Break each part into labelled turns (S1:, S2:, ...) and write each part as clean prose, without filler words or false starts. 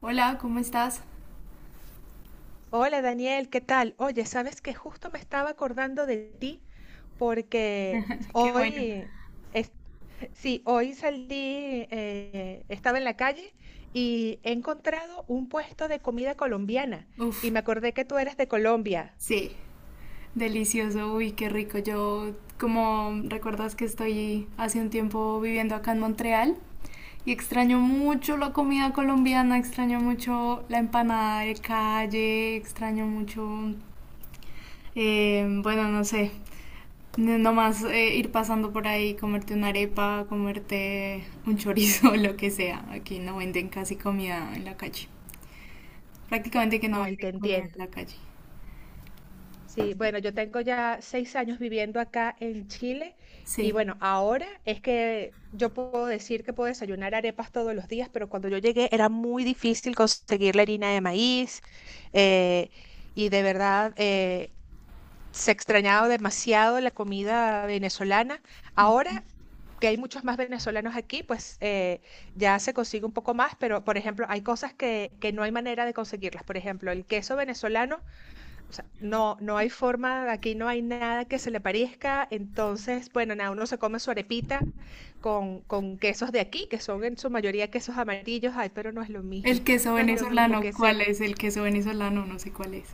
S1: Hola, ¿cómo estás?
S2: Hola Daniel, ¿qué tal? Oye, sabes que justo me estaba acordando de ti porque
S1: Qué bueno.
S2: hoy, es- sí, hoy salí, estaba en la calle y he encontrado un puesto de comida colombiana y
S1: Uf,
S2: me acordé que tú eres de Colombia.
S1: sí, delicioso, uy, qué rico. Yo, como recuerdas que estoy hace un tiempo viviendo acá en Montreal y extraño mucho la comida colombiana, extraño mucho la empanada de calle, extraño mucho. Bueno, no sé, nomás ir pasando por ahí, comerte una arepa, comerte un chorizo, lo que sea. Aquí no venden casi comida en la calle. Prácticamente que no
S2: Ay, te
S1: venden comida en
S2: entiendo.
S1: la calle.
S2: Sí, bueno, yo tengo ya 6 años viviendo acá en Chile y
S1: Sí.
S2: bueno, ahora es que yo puedo decir que puedo desayunar arepas todos los días, pero cuando yo llegué era muy difícil conseguir la harina de maíz, eh, y de verdad, se extrañaba demasiado la comida venezolana. Ahora que hay muchos más venezolanos aquí, pues, ya se consigue un poco más, pero por ejemplo, hay cosas que no hay manera de conseguirlas. Por ejemplo, el queso venezolano. O sea, no, no hay forma, aquí no hay nada que se le parezca. Entonces, bueno, nada, uno se come su arepita con quesos de aquí, que son en su mayoría quesos amarillos. Ay, pero no es lo
S1: El
S2: mismo.
S1: queso
S2: No es lo mismo
S1: venezolano,
S2: que
S1: ¿cuál
S2: ese.
S1: es? El queso venezolano, no sé cuál es.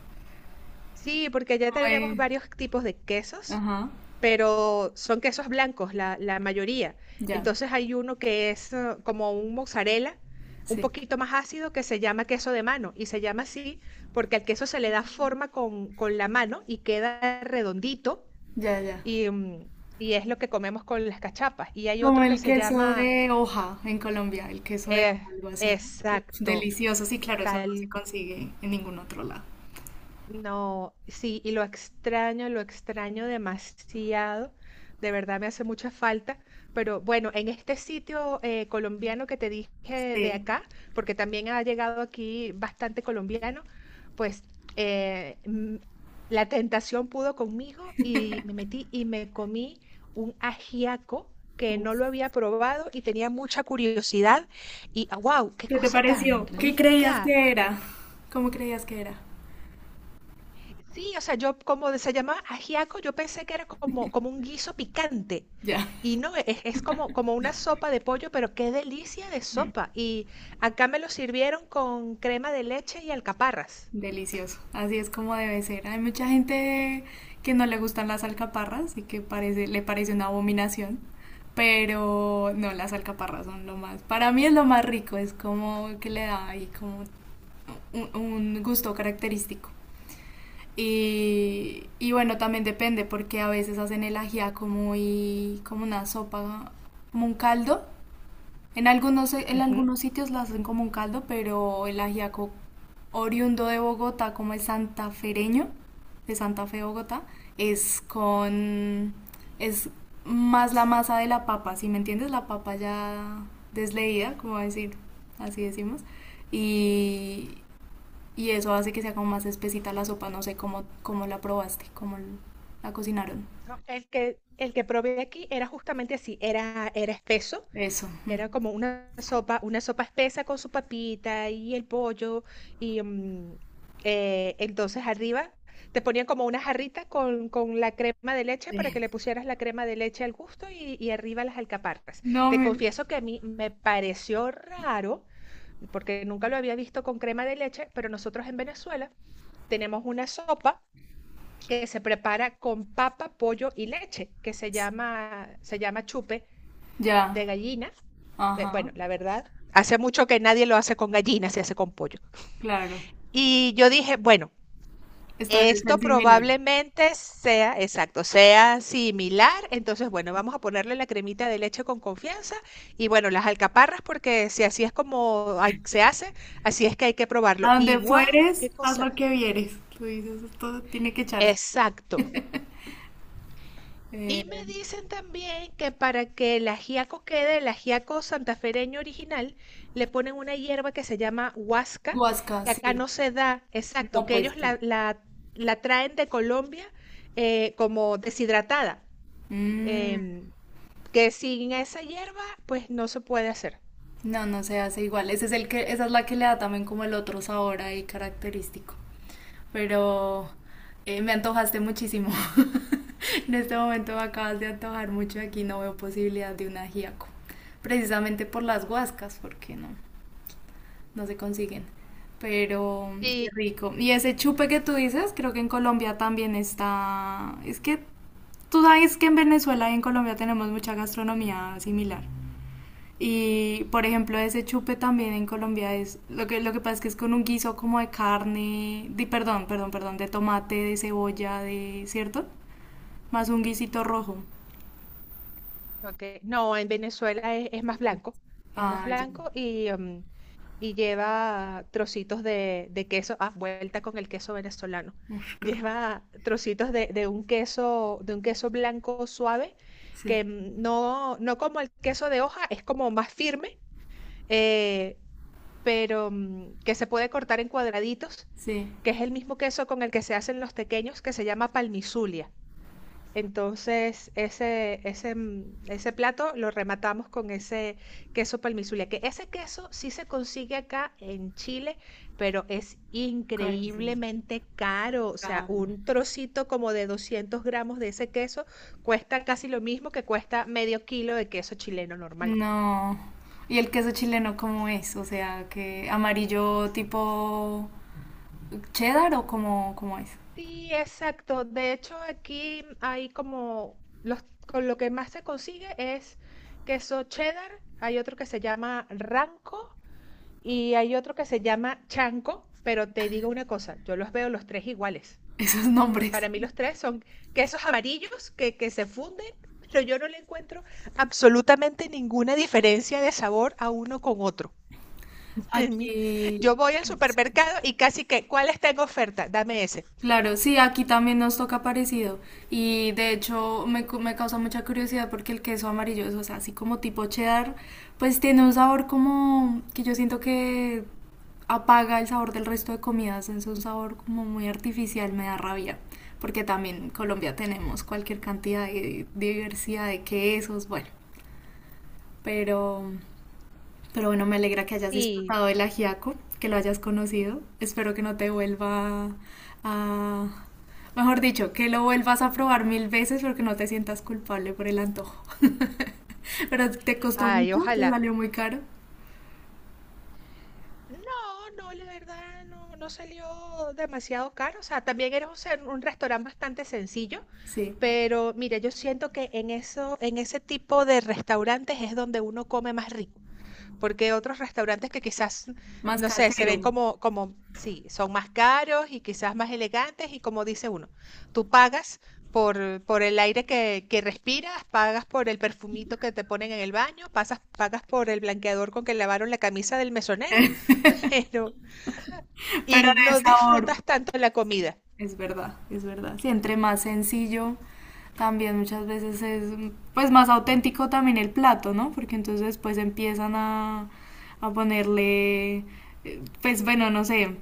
S2: Sí, porque ya
S1: Como
S2: tenemos
S1: el-
S2: varios tipos de quesos,
S1: Ajá,
S2: pero son quesos blancos, la mayoría.
S1: ya,
S2: Entonces hay uno que es, como un mozzarella, un
S1: sí,
S2: poquito más ácido, que se llama queso de mano. Y se llama así porque al queso se le da forma con la mano y queda redondito
S1: ya, ya.
S2: y, y es lo que comemos con las cachapas. Y hay
S1: ¿Como
S2: otro que
S1: el
S2: se
S1: queso
S2: llama,
S1: de hoja en Colombia, el queso de
S2: eh,
S1: hoja, algo así, no? Uf,
S2: exacto,
S1: delicioso, sí, claro, eso no se
S2: tal
S1: consigue en ningún otro lado.
S2: no, sí, y lo extraño demasiado. De verdad me hace mucha falta. Pero bueno, en este sitio, colombiano que te dije de
S1: Sí.
S2: acá, porque también ha llegado aquí bastante colombiano, pues, eh, mm, la tentación pudo conmigo y me metí y me comí un ajiaco que no
S1: Uf.
S2: lo había probado y tenía mucha curiosidad. Y wow, qué
S1: ¿Qué te
S2: cosa
S1: pareció?
S2: tan
S1: ¿Qué creías
S2: rica.
S1: que era? ¿Cómo creías que era?
S2: Sí, o sea, yo como se llamaba ajiaco, yo pensé que era como, un guiso picante.
S1: Ya,
S2: Y no, es como, una sopa de pollo, pero qué delicia de
S1: no.
S2: sopa. Y acá me lo sirvieron con crema de leche y alcaparras.
S1: Delicioso, así es como debe ser. Hay mucha gente que no le gustan las alcaparras y que parece, le parece una abominación, pero no, las alcaparras son lo más, para mí es lo más rico, es como que le da ahí como un, un gusto característico. Y bueno, también depende porque a veces hacen el ajiaco muy como una sopa, como un caldo en
S2: Ujú.
S1: algunos sitios la hacen como un caldo, pero el ajiaco oriundo de Bogotá, como el santafereño, de Santa Fe, Bogotá, es con, es más la masa de la papa, ¿si me entiendes? La papa ya desleída, como decir, así decimos, y, y eso hace que sea como más espesita la sopa, no sé cómo, cómo la probaste, la cocinaron.
S2: No, el que probé aquí era justamente así, era espeso.
S1: Eso.
S2: Era como una sopa espesa con su papita y el pollo. Y, entonces arriba te ponían como una jarrita con la crema de leche para que
S1: Sí.
S2: le pusieras la crema de leche al gusto y, arriba las alcaparras.
S1: No
S2: Te
S1: me...
S2: confieso que a mí me pareció raro, porque nunca lo había visto con crema de leche, pero nosotros en Venezuela tenemos una sopa que se prepara con papa, pollo y leche, que se llama chupe
S1: Ya.
S2: de gallina.
S1: Ajá.
S2: Bueno, la verdad, hace mucho que nadie lo hace con gallinas, se hace con pollo.
S1: Claro.
S2: Y yo dije, bueno,
S1: Esto debe ser
S2: esto
S1: similar.
S2: probablemente sea, exacto, sea similar. Entonces, bueno, vamos a ponerle la cremita de leche con confianza y bueno, las alcaparras, porque si así es como se hace, así es que hay que probarlo.
S1: A
S2: Y
S1: donde
S2: wow, qué
S1: fueres, haz
S2: cosa.
S1: lo que vieres. Tú dices, esto tiene que echarse.
S2: Exacto.
S1: Eh,
S2: Y me dicen también que para que el ajiaco quede, el ajiaco santafereño original, le ponen una hierba que se llama huasca,
S1: Huasca,
S2: que acá
S1: sí.
S2: no se da, exacto,
S1: No,
S2: que
S1: pues
S2: ellos
S1: sí.
S2: la traen de Colombia, como deshidratada,
S1: Mm,
S2: em, que sin esa hierba pues no se puede hacer.
S1: no, no se hace igual. Ese es el que, esa es la que le da también como el otro sabor ahí característico. Pero me antojaste muchísimo. En este momento me acabas de antojar mucho. Aquí no veo posibilidad de un ajiaco. Precisamente por las huascas, porque no, no se consiguen. Pero qué
S2: Y,
S1: rico. Y ese chupe que tú dices, creo que en Colombia también está. Es que tú sabes que en Venezuela y en Colombia tenemos mucha gastronomía similar. Y por ejemplo, ese chupe también en Colombia es. Lo que pasa es que es con un guiso como de carne. De, perdón, perdón, perdón. De tomate, de cebolla, de. ¿Cierto? Más un guisito rojo.
S2: ok, no, en Venezuela es más blanco, es más
S1: Ah, ya.
S2: blanco y lleva trocitos de queso. Ah, vuelta con el queso venezolano.
S1: Uf, qué rico.
S2: Lleva trocitos de un queso blanco suave, que,
S1: Sí,
S2: no, no como el queso de hoja, es como más firme, eh, pero, que se puede cortar en cuadraditos,
S1: sí.
S2: que es el mismo queso con el que se hacen los tequeños, que se llama palmizulia. Entonces, ese plato lo rematamos con ese queso palmizule, que ese queso sí se consigue acá en Chile, pero es
S1: Carísimo.
S2: increíblemente caro. O sea,
S1: Claro.
S2: un trocito como de 200 gramos de ese queso cuesta casi lo mismo que cuesta medio kilo de queso chileno normal.
S1: No. ¿Y el queso chileno cómo es? O sea, ¿que amarillo tipo cheddar o cómo, cómo es?
S2: Sí, exacto. De hecho, aquí hay como con lo que más se consigue es queso cheddar. Hay otro que se llama ranco. Y hay otro que se llama chanco, pero te digo una cosa, yo los veo los tres iguales.
S1: Esos nombres.
S2: Para mí los tres son quesos amarillos que se funden, pero yo no le encuentro absolutamente ninguna diferencia de sabor a uno con otro. En mí, yo
S1: Aquí,
S2: voy al supermercado y casi que, ¿cuál está en oferta? Dame ese.
S1: claro, sí, aquí también nos toca parecido. Y de hecho me causa mucha curiosidad porque el queso amarillo es, o sea, así como tipo cheddar, pues tiene un sabor como que yo siento que apaga el sabor del resto de comidas. Es un sabor como muy artificial, me da rabia. Porque también en Colombia tenemos cualquier cantidad de diversidad de quesos, bueno. Pero pero bueno, me alegra que hayas
S2: Sí,
S1: disfrutado del ajiaco, que lo hayas conocido. Espero que no te vuelva a... Mejor dicho, que lo vuelvas a probar 1000 veces porque no te sientas culpable por el antojo. Pero te costó
S2: ay,
S1: mucho, te
S2: ojalá.
S1: salió muy caro.
S2: No, no, la verdad no, no salió demasiado caro. O sea, también era un restaurante bastante sencillo,
S1: Sí,
S2: pero mira, yo siento que en ese tipo de restaurantes es donde uno come más rico. Porque otros restaurantes que quizás,
S1: más
S2: no sé, se ven
S1: casero,
S2: como, sí, son más caros y quizás más elegantes y como dice uno, tú pagas por el aire que respiras, pagas por el perfumito que te ponen en el baño, pagas por el blanqueador con que lavaron la camisa del mesonero, pero, y
S1: pero de
S2: no
S1: sabor.
S2: disfrutas tanto la comida.
S1: Es verdad, es verdad. Sí, entre más sencillo, también muchas veces es pues más auténtico también el plato, ¿no? Porque entonces después empiezan a ponerle, pues bueno, no sé,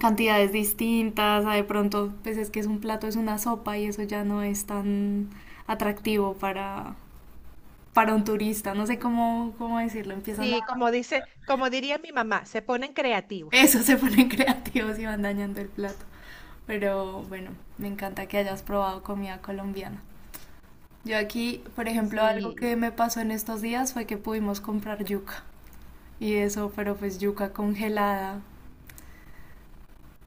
S1: cantidades distintas, a de pronto, pues es que es un plato, es una sopa y eso ya no es tan atractivo para un turista, no sé cómo, cómo decirlo, empiezan a
S2: Sí, como dice, como diría mi mamá, se ponen creativos.
S1: Eso se ponen creativos y van dañando el plato. Pero bueno, me encanta que hayas probado comida colombiana. Yo aquí, por ejemplo, algo que
S2: Sí,
S1: me pasó en estos días fue que pudimos comprar yuca. Y eso, pero pues yuca congelada.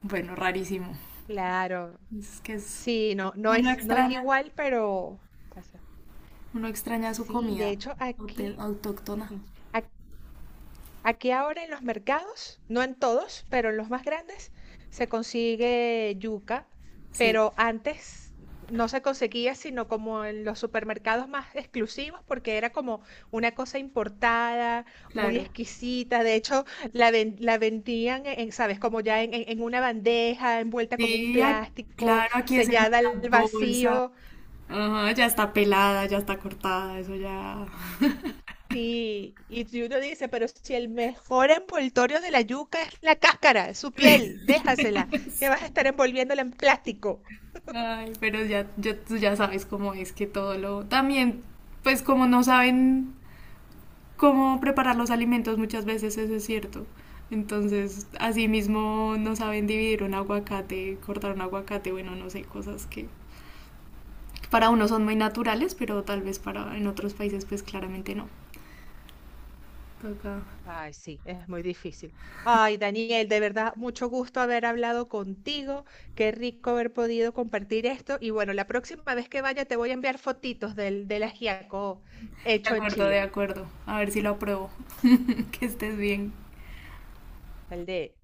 S1: Bueno, rarísimo.
S2: claro.
S1: Es que es...
S2: Sí, no, no
S1: Uno
S2: es, no es
S1: extraña,
S2: igual, pero pasa.
S1: uno extraña su
S2: Sí, de
S1: comida
S2: hecho aquí,
S1: autóctona.
S2: ujú, ac- aquí ahora en los mercados, no en todos, pero en los más grandes, se consigue yuca,
S1: Sí,
S2: pero antes no se conseguía sino como en los supermercados más exclusivos, porque era como una cosa importada, muy
S1: claro.
S2: exquisita. De hecho, la vendían, ¿sabes? Como ya en una bandeja, envuelta con un
S1: Sí,
S2: plástico,
S1: claro, aquí es en
S2: sellada
S1: una
S2: al
S1: bolsa.
S2: vacío.
S1: Ajá, ya está pelada, ya está cortada, eso ya...
S2: Sí, y si uno dice, pero si el mejor envoltorio de la yuca es la cáscara, es su piel, déjasela, que vas a estar envolviéndola en plástico.
S1: Ay, pero tú ya sabes cómo es que todo lo... También, pues como no saben cómo preparar los alimentos, muchas veces eso es cierto. Entonces, así mismo no saben dividir un aguacate, cortar un aguacate, bueno, no sé, cosas que para uno son muy naturales, pero tal vez para en otros países pues claramente no. Toca.
S2: Ay, sí, es muy difícil. Ay, Daniel, de verdad, mucho gusto haber hablado contigo. Qué rico haber podido compartir esto. Y bueno, la próxima vez que vaya te voy a enviar fotitos del ajiaco
S1: De
S2: hecho en
S1: acuerdo, de
S2: Chile,
S1: acuerdo. A ver si lo apruebo. Que estés bien.
S2: el de